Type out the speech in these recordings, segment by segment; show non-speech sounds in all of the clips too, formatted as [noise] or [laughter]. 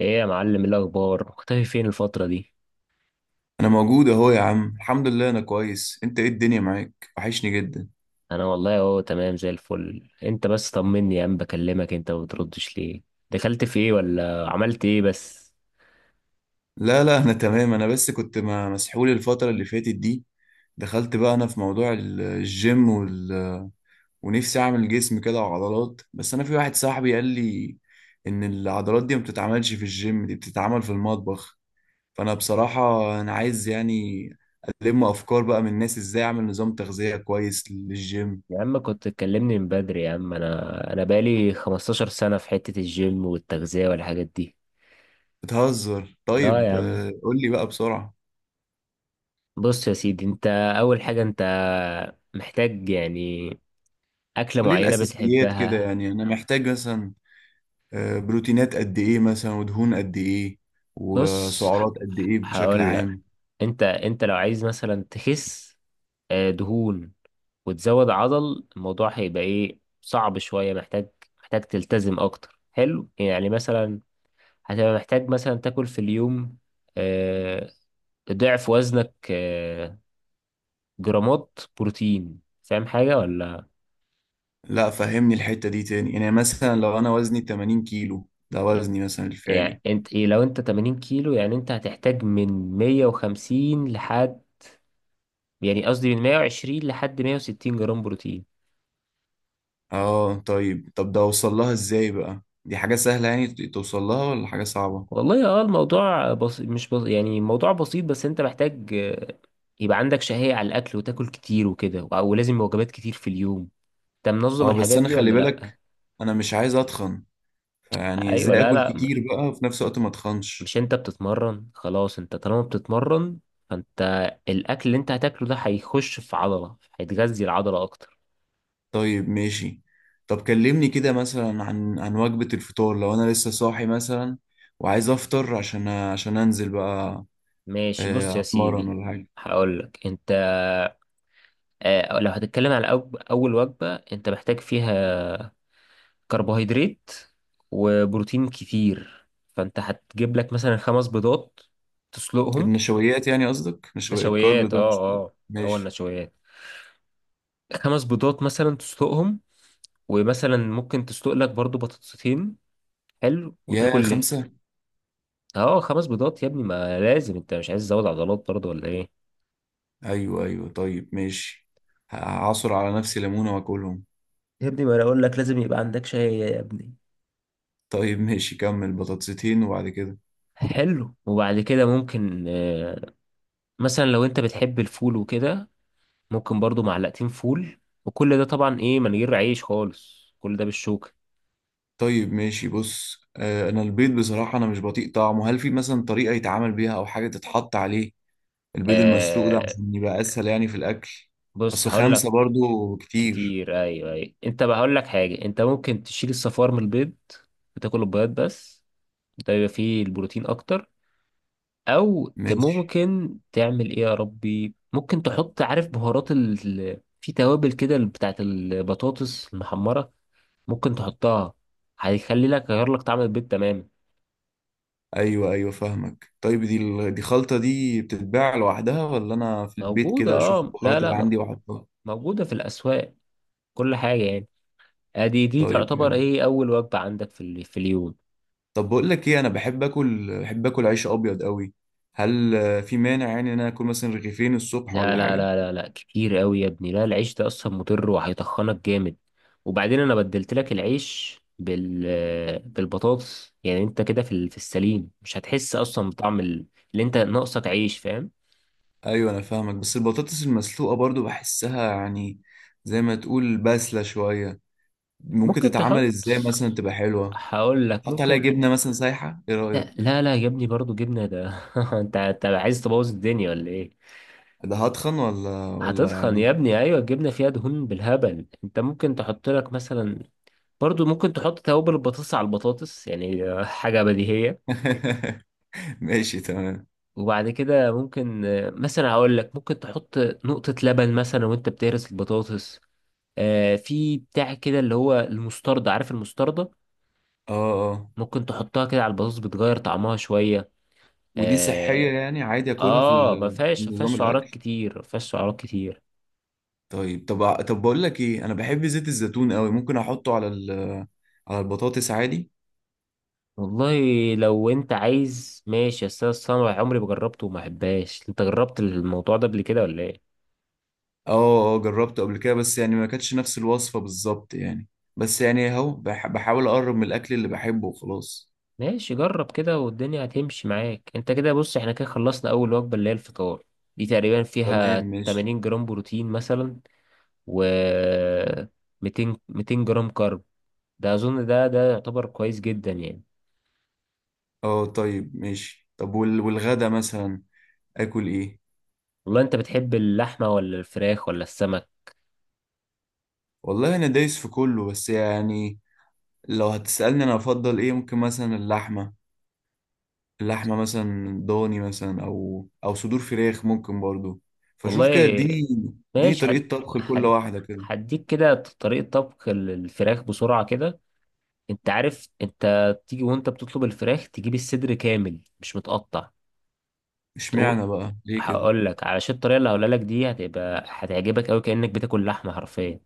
ايه يا معلم، إيه الاخبار؟ مختفي فين الفتره دي؟ انا موجود اهو يا عم، الحمد لله انا كويس. انت ايه الدنيا معاك؟ وحشني جدا. انا والله اهو تمام زي الفل. انت بس طمني يا عم، بكلمك انت ما بتردش ليه؟ دخلت في ايه ولا عملت ايه بس؟ لا لا، انا تمام. انا بس كنت مسحول الفترة اللي فاتت دي. دخلت بقى انا في موضوع الجيم ونفسي اعمل جسم كده وعضلات. بس انا في واحد صاحبي قال لي ان العضلات دي ما بتتعملش في الجيم، دي بتتعمل في المطبخ. فانا بصراحة انا عايز يعني الم افكار بقى من الناس، ازاي اعمل نظام تغذية كويس للجيم. يا عم كنت تكلمني من بدري. يا عم انا بقالي 15 سنه في حته الجيم والتغذيه والحاجات دي. بتهزر؟ اه طيب، يا عم. قول لي بقى بسرعة. بص يا سيدي، انت اول حاجه انت محتاج يعني اكله قولي معينه الأساسيات كده، بتحبها. يعني أنا محتاج مثلا بروتينات قد إيه مثلا، ودهون قد إيه، بص وسعرات قد إيه بشكل هقول لك. عام. انت لو عايز مثلا تخس دهون وتزود عضل، الموضوع هيبقى ايه صعب شوية. محتاج تلتزم اكتر. حلو، يعني مثلا هتبقى محتاج مثلا تاكل في اليوم آه، ضعف وزنك جرامات بروتين. فاهم حاجة ولا؟ لا، فهمني الحتة دي تاني. يعني مثلا لو أنا وزني 80 كيلو، ده وزني مثلا يعني الفعلي. انت ايه، لو انت 80 كيلو يعني انت هتحتاج من 150 لحد، يعني قصدي من 120 لحد 160 جرام بروتين. آه طيب، ده أوصل لها إزاي بقى؟ دي حاجة سهلة يعني توصل لها ولا حاجة صعبة؟ والله اه، الموضوع بس... مش بس... يعني موضوع بسيط، بس انت محتاج يبقى عندك شهية على الأكل وتاكل كتير وكده، ولازم وجبات كتير في اليوم. انت منظم آه، بس الحاجات أنا دي خلي ولا لأ؟ بالك، أنا مش عايز أتخن. فيعني أيوة. إزاي لا آكل لا، كتير بقى وفي نفس الوقت ما أتخنش؟ مش انت بتتمرن؟ خلاص انت طالما بتتمرن فانت الأكل اللي انت هتاكله ده هيخش في عضلة، هيتغذي العضلة أكتر. طيب ماشي. طب كلمني كده مثلا عن وجبة الفطار، لو انا لسه صاحي مثلا وعايز افطر عشان انزل بقى. ماشي بص يا اتمرن سيدي. ولا حاجة. هقولك انت لو هتتكلم على أول وجبة، انت محتاج فيها كربوهيدرات وبروتين كتير. فانت هتجيب لك مثلا خمس بيضات تسلقهم. النشويات، يعني قصدك نشويات الكارب نشويات، اه ده، مش؟ اه، هو ماشي. النشويات. خمس بيضات مثلا تسلقهم، ومثلا ممكن تسلق لك برضو بطاطسين. حلو يا وتاكل. خمسة؟ اه خمس بيضات يا ابني، ما لازم، انت مش عايز تزود عضلات برضو ولا ايه؟ ايوه، ايوه، طيب ماشي. هعصر على نفسي ليمونة واكلهم. يا ابني ما انا اقول لك لازم يبقى عندك شاي يا ابني. طيب ماشي، كمل. بطاطستين وبعد كده؟ حلو، وبعد كده ممكن مثلا لو انت بتحب الفول وكده، ممكن برضو معلقتين فول. وكل ده طبعا ايه من غير عيش خالص، كل ده بالشوكة. طيب ماشي، بص. انا البيض بصراحة انا مش بطيق طعمه. هل في مثلا طريقة يتعامل بيها او حاجة تتحط عليه، البيض المسلوق ده، آه، عشان يبقى اسهل يعني في الاكل؟ بص اصل هقول لك. خمسة برضو كتير. كتير، ايوه ايوه. انت بقى هقول لك حاجة، انت ممكن تشيل الصفار من البيض وتاكل البيض بس. ده بيبقى فيه البروتين اكتر. او ماشي. ممكن تعمل ايه يا ربي، ممكن تحط، عارف، بهارات ال... في توابل كده بتاعت البطاطس المحمرة، ممكن تحطها، هيخلي لك، يغير لك طعم البيض تماما. ايوه، ايوه، فاهمك. طيب دي دي خلطة دي بتتباع لوحدها ولا انا في البيت موجودة كده اشوف اه، لا البهارات لا اللي م- عندي واحطها؟ موجودة في الأسواق، كل حاجة يعني. ادي دي طيب تعتبر حلو. ايه اول وجبة عندك في في اليوم. طب بقول لك ايه، انا بحب اكل عيش ابيض قوي. هل في مانع يعني ان انا اكل مثلا رغيفين الصبح لا ولا لا حاجة؟ لا لا لا كتير قوي يا ابني، لا، العيش ده اصلا مضر وهيطخنك جامد. وبعدين انا بدلت لك العيش بالبطاطس، يعني انت كده في في السليم مش هتحس اصلا بطعم اللي انت ناقصك عيش، فاهم؟ ايوه، انا فاهمك. بس البطاطس المسلوقة برضو بحسها، يعني زي ما تقول باسلة شوية. ممكن ممكن تتعمل تحط، ازاي مثلا تبقى حلوة؟ هقول لك حط عليها ممكن. جبنة مثلا سايحة، ايه لا رأيك؟ لا لا يا ابني برضو جبنة ده، [laughs] انت انت عايز تبوظ الدنيا ولا ايه؟ ده هتخن ولا هتتخن يا يعني؟ ابني ايوه، الجبنه فيها دهون بالهبل. انت ممكن تحط لك مثلا برضو ممكن تحط توابل البطاطس على البطاطس، يعني [laughs] حاجه بديهيه. [laughs] ماشي تمام. وبعد كده ممكن مثلا هقول لك ممكن تحط نقطه لبن مثلا وانت بتهرس البطاطس. في بتاع كده اللي هو المستردة، عارف المستردة؟ اه، اه. ممكن تحطها كده على البطاطس، بتغير طعمها شوية. ودي صحية اه. يعني عادي اكلها آه، ما في فيهاش، ما نظام فيهاش سعرات الاكل؟ كتير، ما فيهاش سعرات كتير. طيب. طب بقول لك ايه، انا بحب زيت الزيتون قوي. ممكن احطه على البطاطس عادي؟ والله لو انت عايز ماشي، بس انا الصنوة عمري ما جربته وما احبهاش. انت جربت الموضوع ده قبل كده ولا ايه؟ اه، اه، جربته قبل كده. بس يعني ما كانتش نفس الوصفة بالظبط يعني. بس يعني اهو بحاول اقرب من الاكل اللي بحبه وخلاص. ماشي، جرب كده والدنيا هتمشي معاك. انت كده بص احنا كده خلصنا اول وجبة اللي هي الفطار. دي تقريبا تمام فيها ماشي. 80 جرام بروتين مثلا، و 200 200 جرام كارب. ده اظن ده يعتبر كويس جدا يعني. اه طيب ماشي. طب والغدا مثلا اكل ايه؟ والله انت بتحب اللحمة ولا الفراخ ولا السمك؟ والله انا دايس في كله. بس يعني لو هتسألني انا افضل ايه، ممكن مثلا اللحمة مثلا ضاني مثلا او صدور فراخ ممكن برضو. فشوف كده، والله اديني ماشي. حد طريقة طبخ لكل حد واحدة كده. هديك كده طريقة طبخ الفراخ بسرعة كده. انت عارف انت تيجي وانت بتطلب الفراخ، تجيب الصدر كامل مش متقطع. تقول، اشمعنى بقى ليه كده؟ هقول لك، علشان الطريقه اللي هقولها لك دي هتبقى هتعجبك قوي كانك بتاكل لحمه حرفيا.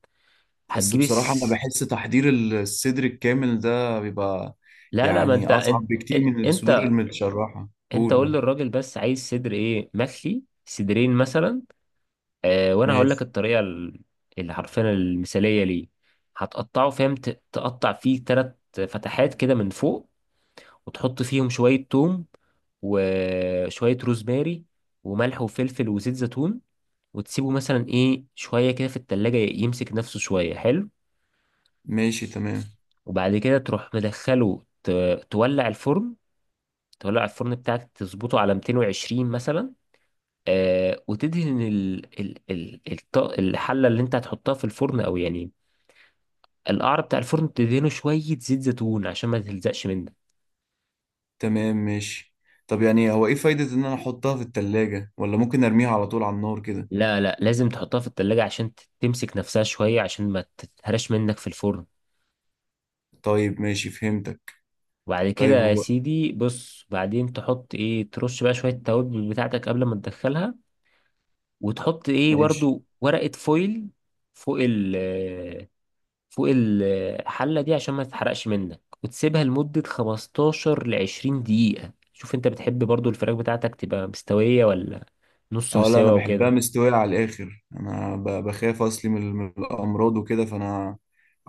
بس هتجيب بصراحة انا الس... بحس تحضير الصدر الكامل ده بيبقى لا لا، ما يعني اصعب بكتير من الصدور انت المتشرحة، انت قولوا. قول للراجل بس عايز صدر ايه، مخلي صدرين مثلا. اه وانا هقول لك ماشي. الطريقه اللي حرفيا المثاليه ليه. هتقطعه فاهم، تقطع فيه ثلاث فتحات كده من فوق، وتحط فيهم شوية توم وشوية روزماري وملح وفلفل وزيت زيتون. وتسيبه مثلا ايه شوية كده في التلاجة يمسك نفسه شوية. حلو، ماشي تمام. وبعد كده تروح مدخله تولع الفرن. تولع الفرن بتاعك تظبطه على 220 مثلا. آه وتدهن الحلة اللي انت هتحطها في الفرن، او يعني القعر بتاع الفرن تدهنه شوية زيت زيتون عشان ما تلزقش منك. تمام ماشي. طب يعني هو ايه فايدة ان انا احطها في التلاجة، ولا ممكن ارميها على طول على النار كده؟ لا لا لازم تحطها في التلاجة عشان تمسك نفسها شوية عشان ما تتهرش منك في الفرن. طيب ماشي، فهمتك. وبعد كده طيب يا هو. سيدي بص، بعدين تحط ايه، ترش بقى شوية التوابل بتاعتك قبل ما تدخلها. وتحط ايه ماشي. برضو ورقة فويل فوق فوق الحلة دي عشان ما تتحرقش منك، وتسيبها لمدة 15 ل 20 دقيقة. شوف انت بتحب برضو الفراخ بتاعتك تبقى مستوية ولا نص اه لا، انا مستوى بحبها وكده. مستوية على الاخر. انا بخاف اصلي من الامراض وكده، فانا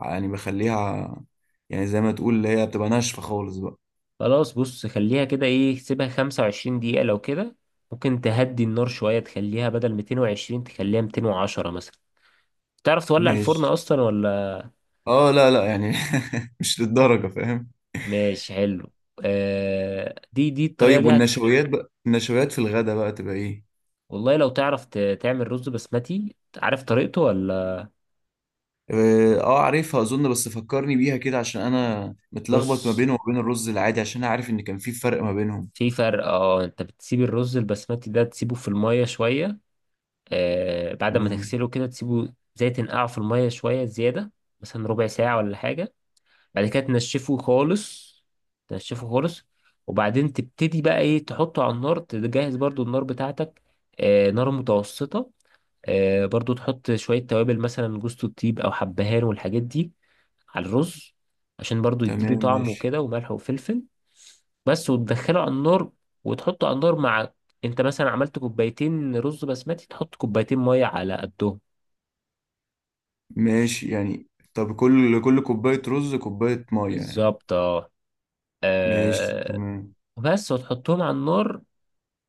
يعني بخليها، يعني زي ما تقول اللي هي بتبقى ناشفة خالص بقى. خلاص بص خليها كده ايه، سيبها 25 دقيقة لو كده. ممكن تهدي النار شوية تخليها بدل 220 تخليها 210 مثلا. تعرف تولع الفرن ماشي. اصلا ولا؟ اه لا، لا، يعني [laughs] مش للدرجة، فاهم. ماشي حلو. آه دي الطريقة طيب دي هت... والنشويات بقى، النشويات في الغدا بقى تبقى ايه؟ والله لو تعرف تعمل رز بسمتي، عارف طريقته ولا؟ اه، عارفها اظن. بس فكرني بيها كده عشان انا متلخبط ما بص، بينه وما بين الرز العادي، عشان انا عارف ان كان في فرق ما بينهم. في فرق اه. انت بتسيب الرز البسمتي ده تسيبه في المية شوية، آه بعد ما تمام. تغسله كده تسيبه زي تنقعه في المية شوية زيادة، مثلا ربع ساعة ولا حاجة. بعد كده تنشفه خالص، تنشفه خالص. وبعدين تبتدي بقى ايه تحطه على النار. تجهز برضو النار بتاعتك، آه نار متوسطة. آه برضو تحط شوية توابل مثلا جوز الطيب او حبهان والحاجات دي على الرز، عشان برضو يديله تمام طعم ماشي، وكده، وملح وفلفل. بس وتدخله على النار. وتحطه على النار مع، انت مثلا عملت كوبايتين رز بسمتي تحط كوبايتين مية على قدهم. ماشي يعني. طب كل كوباية رز كوباية مية يعني؟ بالظبط اه. ماشي آه، تمام. بس وتحطهم على النار.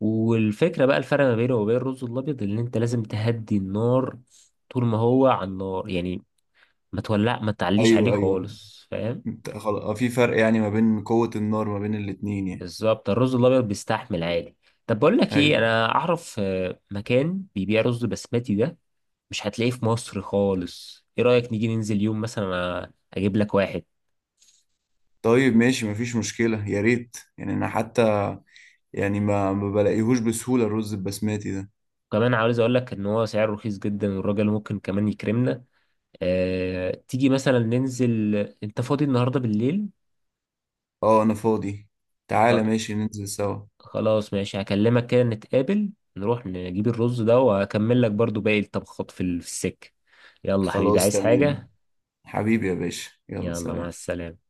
والفكرة بقى الفرق ما بينه وبين الرز الأبيض إن أنت لازم تهدي النار طول ما هو على النار يعني. ما تولع، ما تعليش عليه أيوه، أيوه، خالص، فاهم؟ انت خلاص؟ في فرق يعني ما بين قوة النار، ما بين الاتنين يعني؟ بالظبط، الرز الأبيض بيستحمل عادي. طب بقول لك إيه، أيوه. أنا أعرف مكان بيبيع رز بسمتي ده، مش هتلاقيه في مصر خالص. إيه رأيك نيجي ننزل يوم مثلا، أجيب لك واحد. طيب ماشي، مفيش مشكلة. يا ريت يعني، أنا حتى يعني ما بلاقيهوش بسهولة الرز البسماتي ده. كمان عاوز أقول لك إن هو سعره رخيص جدا، والراجل ممكن كمان يكرمنا. أه تيجي مثلا ننزل. أنت فاضي النهاردة بالليل؟ أه، أنا فاضي. تعالى، ماشي ننزل سوا. خلاص ماشي، هكلمك كده نتقابل، نروح نجيب الرز ده وهكمل لك برضو باقي الطبخات في في السكة. يلا حبيبي، خلاص عايز تمام. حاجة؟ حبيبي يا باشا، يلا يلا مع سلام. السلامة.